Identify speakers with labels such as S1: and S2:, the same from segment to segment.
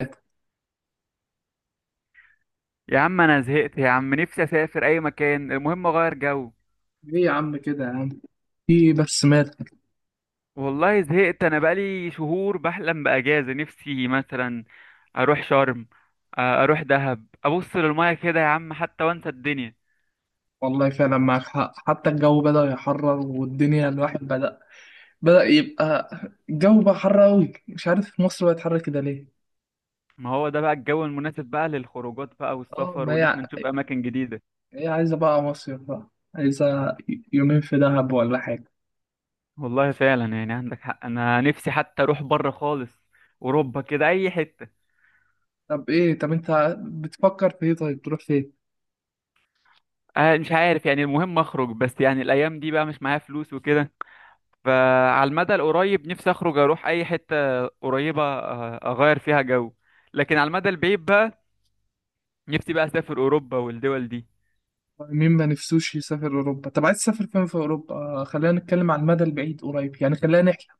S1: ايه.
S2: يا عم، انا زهقت يا عم. نفسي اسافر اي مكان، المهم اغير جو.
S1: يا عم كده يا عم. في بس مات.
S2: والله زهقت، انا بقالي شهور بحلم باجازه. نفسي مثلا اروح شرم، اروح دهب، ابص للميه كده يا عم، حتى وانسى الدنيا.
S1: والله فعلا معاك حق، حتى الجو بدأ يحرر والدنيا الواحد بدأ يبقى. الجو بقى حر أوي. مش عارف مصر بقت حر كده ليه؟
S2: ما هو ده بقى الجو المناسب بقى للخروجات بقى
S1: اه،
S2: والسفر،
S1: ما هي
S2: وان احنا نشوف اماكن جديده.
S1: هي عايزة بقى مصيف بقى، عايزة يومين في دهب ولا حاجة.
S2: والله فعلا يعني عندك حق، انا نفسي حتى اروح بره خالص، اوروبا كده، اي حته.
S1: طب ايه؟ طب انت بتفكر في ايه؟ طيب تروح فين؟
S2: مش عارف يعني، المهم اخرج، بس يعني الايام دي بقى مش معايا فلوس وكده. فعلى المدى القريب، نفسي اخرج اروح اي حته قريبه، اغير فيها جو. لكن على المدى البعيد بقى، نفسي بقى اسافر اوروبا والدول دي.
S1: مين ما نفسوش يسافر أوروبا؟ طب عايز تسافر فين في أوروبا؟ خلينا نتكلم عن المدى البعيد قريب يعني، خلينا نحلم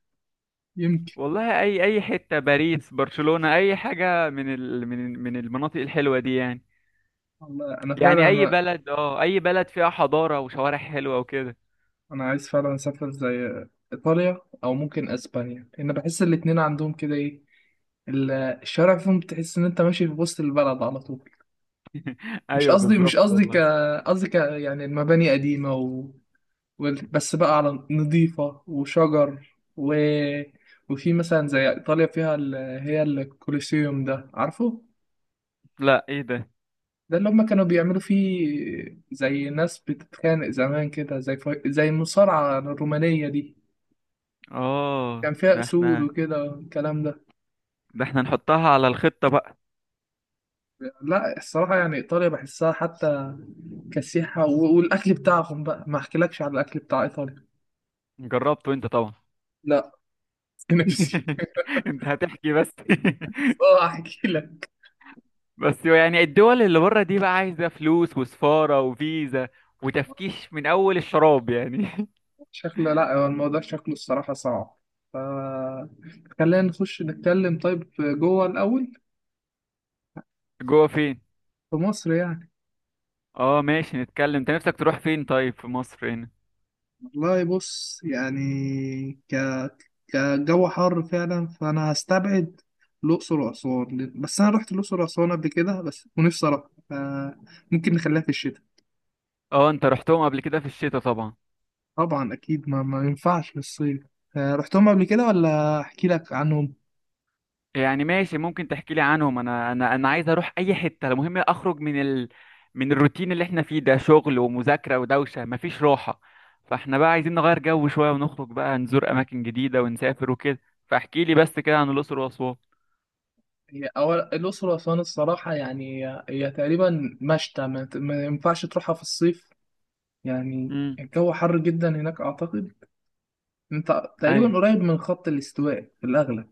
S1: يمكن.
S2: والله اي حته، باريس، برشلونه، اي حاجه من ال من من المناطق الحلوه دي يعني.
S1: والله أنا
S2: يعني اي
S1: فعلا،
S2: بلد، اه اي بلد فيها حضاره وشوارع حلوه وكده.
S1: انا عايز فعلا اسافر زي ايطاليا او ممكن اسبانيا، لان بحس الاتنين عندهم كده ايه، الشوارع فيهم بتحس ان انت ماشي في وسط البلد على طول. مش
S2: ايوه
S1: قصدي، مش
S2: بالظبط
S1: قصدي ك
S2: والله.
S1: قصدي يعني المباني قديمة، و... بس بقى على نظيفة وشجر. و... وفي مثلا زي ايطاليا فيها هي الكوليسيوم ده عارفه.
S2: لا، ايه ده؟
S1: ده اللي هم كانوا بيعملوا فيه زي ناس بتتخانق زمان كده، زي زي المصارعة الرومانية دي.
S2: اه
S1: كان فيها
S2: ده
S1: اسود
S2: احنا،
S1: وكده والكلام ده.
S2: ده احنا نحطها على الخطه بقى.
S1: لا الصراحه يعني ايطاليا بحسها حتى كسيحه، والاكل بتاعهم بقى، ما احكيلكش على الاكل بتاع ايطاليا.
S2: جربته انت طبعا؟
S1: لا. نفسي.
S2: انت هتحكي بس.
S1: اه، احكي لك.
S2: بس يعني الدول اللي بره دي بقى عايزة فلوس وسفارة وفيزا، وتفكيش من أول الشراب يعني.
S1: شكله، لا، هو الموضوع شكله الصراحه صعب. ف خلينا نخش نتكلم طيب جوه الاول.
S2: جوه فين؟
S1: في مصر يعني.
S2: اه ماشي، نتكلم. انت نفسك تروح فين طيب في مصر هنا؟
S1: والله بص يعني، ك كجو حر فعلا فانا هستبعد الاقصر واسوان، بس انا رحت الاقصر واسوان قبل كده بس، ونفسي اروح. ممكن نخليها في الشتاء.
S2: اه، انت رحتهم قبل كده في الشتاء طبعا.
S1: طبعا اكيد ما ينفعش في الصيف. رحتهم قبل كده ولا احكي لك عنهم؟
S2: يعني ماشي ممكن تحكي لي عنهم. انا عايز اروح اي حتة، المهم اخرج من من الروتين اللي احنا فيه ده، شغل ومذاكرة ودوشة، مفيش راحة. فاحنا بقى عايزين نغير جو شوية، ونخرج بقى، نزور اماكن جديدة ونسافر وكده. فاحكي لي بس كده عن الأقصر وأسوان.
S1: هي أول الأقصر وأسوان الصراحة يعني، هي تقريبا مشتى، ما ينفعش تروحها في الصيف يعني.
S2: امم.
S1: الجو حر جدا هناك أعتقد. أنت تقريبا
S2: ايوه،
S1: قريب من خط الاستواء في الأغلب،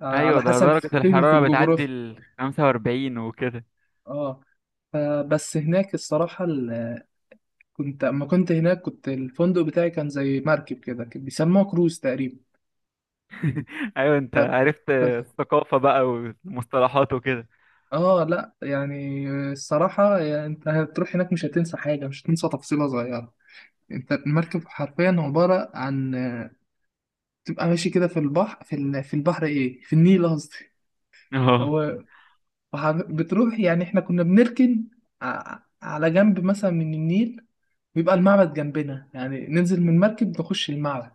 S1: على
S2: ايوه، ده
S1: حسب
S2: درجة
S1: فهمي في
S2: الحرارة بتعدي
S1: الجغرافيا.
S2: ال 45 وكده.
S1: اه. فبس هناك الصراحة، كنت اما كنت هناك كنت الفندق بتاعي كان زي مركب كده، كان بيسموه كروز تقريبا.
S2: ايوه، انت
S1: ف...
S2: عرفت
S1: ف...
S2: الثقافة بقى والمصطلحات وكده.
S1: اه لا، يعني الصراحة يعني انت هتروح هناك مش هتنسى حاجة، مش هتنسى تفصيلة صغيرة. انت المركب حرفيا عبارة عن، تبقى ماشي كده في البحر، في البحر ايه، في النيل قصدي.
S2: اه.
S1: و... بتروح يعني احنا كنا بنركن على جنب مثلا من النيل، بيبقى المعبد جنبنا، يعني ننزل من المركب نخش المعبد.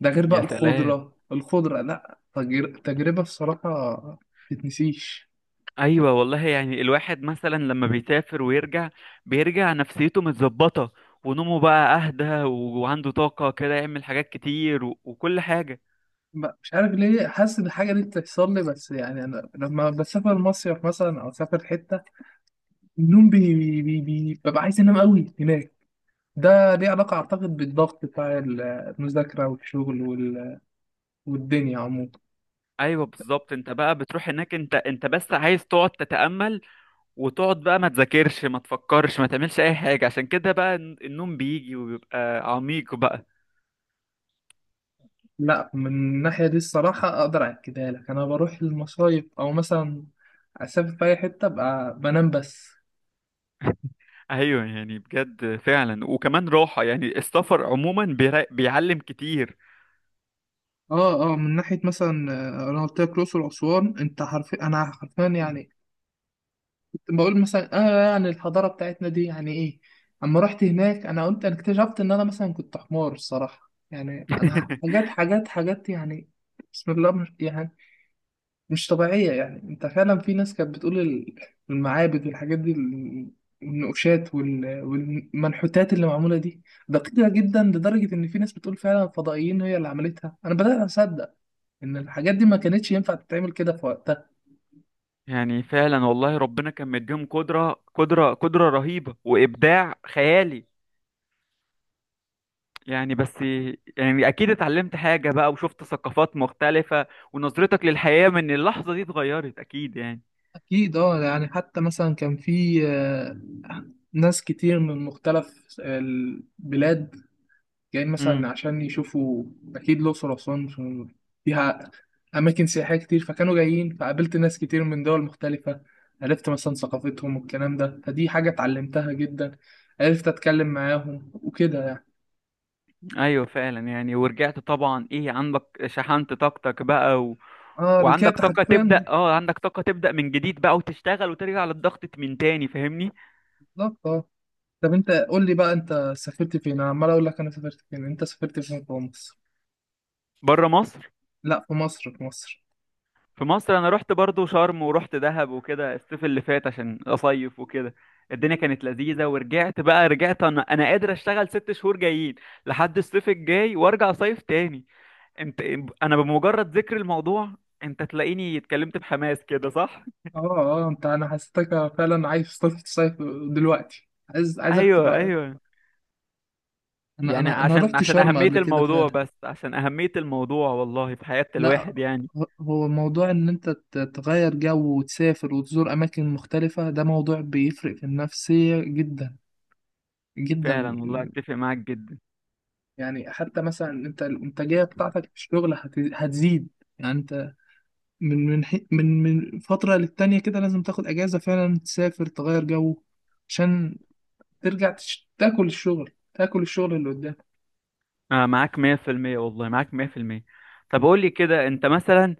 S1: ده غير بقى
S2: يا سلام.
S1: الخضرة الخضرة، لا تجربة بصراحة تتنسيش.
S2: ايوه والله، يعني الواحد مثلا لما بيسافر ويرجع، بيرجع نفسيته متظبطة، ونومه بقى اهدى، وعنده طاقة كده، يعمل حاجات كتير وكل حاجة.
S1: مش عارف ليه حاسس إن الحاجة دي بتحصل لي بس، يعني أنا لما بسافر مصيف مثلا أو أسافر حتة، النوم ببقى عايز أنام أوي هناك. ده ليه علاقة أعتقد بالضغط بتاع المذاكرة والشغل والدنيا عموما.
S2: ايوه بالظبط، انت بقى بتروح هناك انت بس عايز تقعد تتأمل، وتقعد بقى ما تذاكرش ما تفكرش ما تعملش اي حاجة، عشان كده بقى النوم بيجي وبيبقى عميق بقى.
S1: لا، من الناحية دي الصراحة أقدر أكدها لك. أنا بروح المصايف أو مثلا أسافر في أي حتة أبقى بنام بس.
S2: ايوه، يعني بجد فعلا، وكمان راحة. يعني السفر عموما بيعلم كتير.
S1: اه اه، من ناحيه مثلا، انا قلت لك الاقصر واسوان. انت حرفيا، انا حرفيا يعني كنت بقول مثلا، اه، يعني الحضاره بتاعتنا دي يعني ايه. اما رحت هناك انا قلت، انا اكتشفت ان انا مثلا كنت حمار الصراحه، يعني انا حاجات حاجات حاجات يعني، بسم الله، مش يعني مش طبيعية. يعني انت فعلا في ناس كانت بتقول المعابد والحاجات دي، النقوشات والمنحوتات اللي معمولة دي دقيقة جدا، لدرجة ان في ناس بتقول فعلا فضائيين هي اللي عملتها. انا بدأت اصدق ان الحاجات دي ما كانتش ينفع تتعمل كده في وقتها.
S2: يعني فعلا والله، ربنا كان مديهم قدرة قدرة قدرة رهيبة، وإبداع خيالي يعني بس. يعني أكيد اتعلمت حاجة بقى، وشفت ثقافات مختلفة، ونظرتك للحياة من اللحظة دي اتغيرت أكيد يعني.
S1: اكيد. اه، يعني حتى مثلا كان في ناس كتير من مختلف البلاد جايين مثلا عشان يشوفوا. أكيد الأقصر وأسوان فيها أماكن سياحية كتير، فكانوا جايين، فقابلت ناس كتير من دول مختلفة، عرفت مثلا ثقافتهم والكلام ده. فدي حاجة اتعلمتها جدا، عرفت أتكلم معاهم وكده يعني.
S2: ايوه فعلا، يعني ورجعت طبعا ايه، عندك شحنت طاقتك بقى
S1: اه
S2: وعندك
S1: رجعت
S2: طاقة
S1: حرفيا.
S2: تبدأ، اه عندك طاقة تبدأ من جديد بقى، وتشتغل وترجع للضغط من تاني، فاهمني.
S1: بالظبط اه. طب أنت قول لي بقى أنت سافرت فين. أنا عمال أقول لك أنا سافرت فين، أنت سافرت فين في مصر؟
S2: بره مصر.
S1: لا في مصر، في مصر.
S2: في مصر، انا رحت برضو شرم ورحت دهب وكده الصيف اللي فات، عشان اصيف وكده. الدنيا كانت لذيذة، ورجعت بقى، رجعت انا، انا قادر اشتغل ست شهور جايين لحد الصيف الجاي، وارجع صيف تاني. انت، انا بمجرد ذكر الموضوع، انت تلاقيني اتكلمت بحماس كده، صح؟
S1: اه اه، انت، انا حسيتك فعلا عايز تصيف تصيف دلوقتي، عايزك
S2: ايوه
S1: تبقى.
S2: ايوه،
S1: انا
S2: يعني
S1: انا انا
S2: عشان
S1: رحت شرم
S2: أهمية
S1: قبل كده
S2: الموضوع،
S1: فعلا.
S2: بس عشان أهمية الموضوع والله في حياة
S1: لا،
S2: الواحد يعني.
S1: هو موضوع ان انت تغير جو وتسافر وتزور اماكن مختلفة، ده موضوع بيفرق في النفسية جدا جدا.
S2: فعلا والله، أتفق معاك جدا.
S1: يعني حتى مثلا انت الانتاجية بتاعتك في الشغل هتزيد. يعني انت من من حي- من من فترة للتانية كده لازم تاخد اجازة فعلا تسافر تغير جو، عشان ترجع تاكل الشغل تاكل الشغل اللي قدامك.
S2: آه معاك 100%، والله معاك 100%. طب قول لي كده، أنت مثلا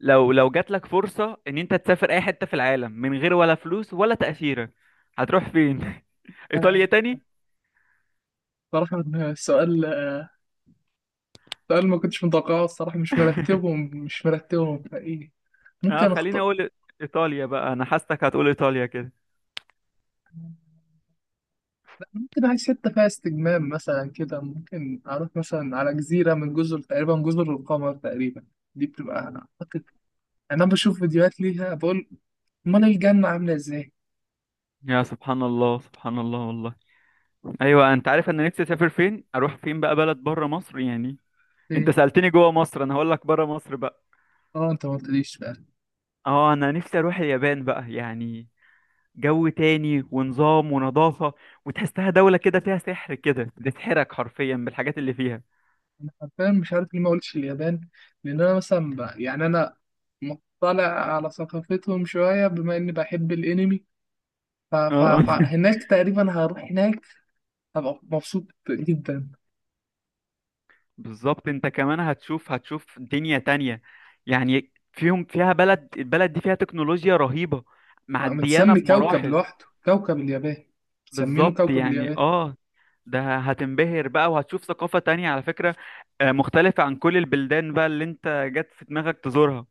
S2: لو جات لك فرصة إن أنت تسافر أي حتة في العالم، من غير ولا فلوس ولا تأشيرة، هتروح فين؟ إيطاليا
S1: آه،
S2: تاني؟
S1: صراحة سؤال ده اللي ما كنتش متوقعه الصراحة، مش مرتبهم مش مرتبهم فإيه،
S2: اه
S1: ممكن
S2: خليني
S1: أخطأ.
S2: أقول، إيطاليا بقى، أنا حاسسك هتقول إيطاليا كده.
S1: لا، ممكن عايز حتة فيها استجمام مثلا كده، ممكن أروح مثلا على جزيرة، من جزر تقريبا جزر القمر تقريبا. دي بتبقى أعتقد، أنا بشوف فيديوهات ليها بقول: أمال الجنة عاملة إزاي؟
S2: يا سبحان الله، سبحان الله والله. ايوه، انت عارف انا نفسي اسافر فين؟ اروح فين بقى بلد بره مصر يعني؟ انت
S1: إيه؟
S2: سألتني جوه مصر، انا هقول لك بره مصر بقى.
S1: أه، أنت ما قلتليش بقى.
S2: اه انا نفسي اروح اليابان بقى يعني، جو تاني ونظام ونظافة، وتحسها دولة كده فيها سحر، كده بتسحرك حرفيا بالحاجات اللي فيها.
S1: أنا حرفيا مش عارف ليه ما قلتش اليابان. لأن أنا مثلا يعني أنا مطلع على ثقافتهم شوية، بما إني بحب الأنمي.
S2: اه.
S1: فهناك تقريبا هروح هناك هبقى مبسوط جدا.
S2: بالظبط، انت كمان هتشوف، هتشوف دنيا تانية. يعني فيهم، فيها بلد، البلد دي فيها تكنولوجيا رهيبة، معديانة
S1: متسمي كوكب
S2: بمراحل.
S1: لوحده كوكب اليابان، مسمينه
S2: بالظبط
S1: كوكب
S2: يعني
S1: اليابان.
S2: اه، ده هتنبهر بقى، وهتشوف ثقافة تانية على فكرة، مختلفة عن كل البلدان بقى اللي انت جت في دماغك تزورها.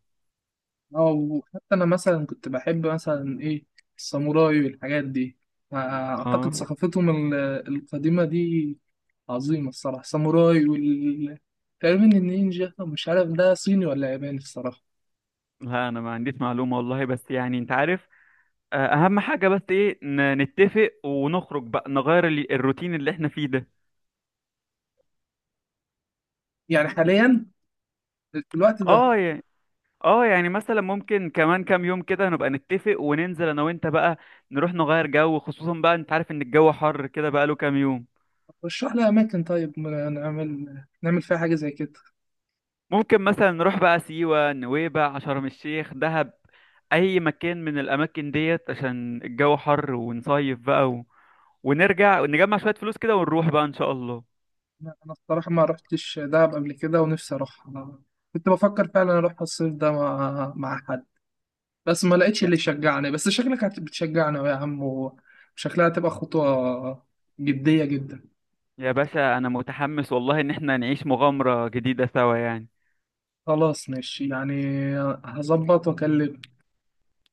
S1: اه، وحتى انا مثلا كنت بحب مثلا ايه، الساموراي والحاجات دي. اعتقد
S2: اه.
S1: ثقافتهم القديمة دي عظيمة الصراحة. الساموراي وال تقريبا النينجا، مش عارف ده صيني ولا ياباني الصراحة.
S2: لا انا ما عنديش معلومة والله، بس يعني انت عارف. اهم حاجة بس ايه، نتفق ونخرج بقى، نغير الروتين اللي احنا فيه ده.
S1: يعني حاليا في الوقت ده
S2: اه يعني، اه يعني مثلا ممكن كمان كام يوم كده نبقى نتفق وننزل انا وانت بقى، نروح نغير جو، خصوصا بقى انت عارف ان الجو حر كده بقى له كام يوم.
S1: رشح لي أماكن طيب، نعمل نعمل فيها حاجة زي كده.
S2: ممكن مثلا نروح بقى سيوة، نويبع، شرم الشيخ، دهب، اي مكان من الاماكن ديت، عشان الجو حر ونصيف بقى ونرجع نجمع شوية فلوس كده، ونروح بقى ان شاء الله.
S1: لا، انا الصراحه ما رحتش دهب قبل كده ونفسي اروح. أنا كنت بفكر فعلا اروح الصيف ده مع حد، بس ما لقيتش اللي يشجعني. بس شكلك بتشجعنا يا عم، وشكلها هتبقى خطوه جديه جدا.
S2: يا باشا انا متحمس والله ان احنا نعيش مغامرة جديدة سوا يعني.
S1: خلاص ماشي يعني، هظبط واكلم.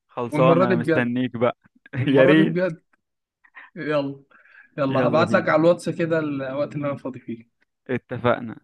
S2: خلصان،
S1: والمره دي
S2: انا
S1: بجد،
S2: مستنيك بقى. يا
S1: المره دي
S2: ريت.
S1: بجد. يلا. يلا
S2: يلا
S1: هبعت لك
S2: بينا،
S1: على الواتس كده الوقت اللي انا فاضي فيه.
S2: اتفقنا.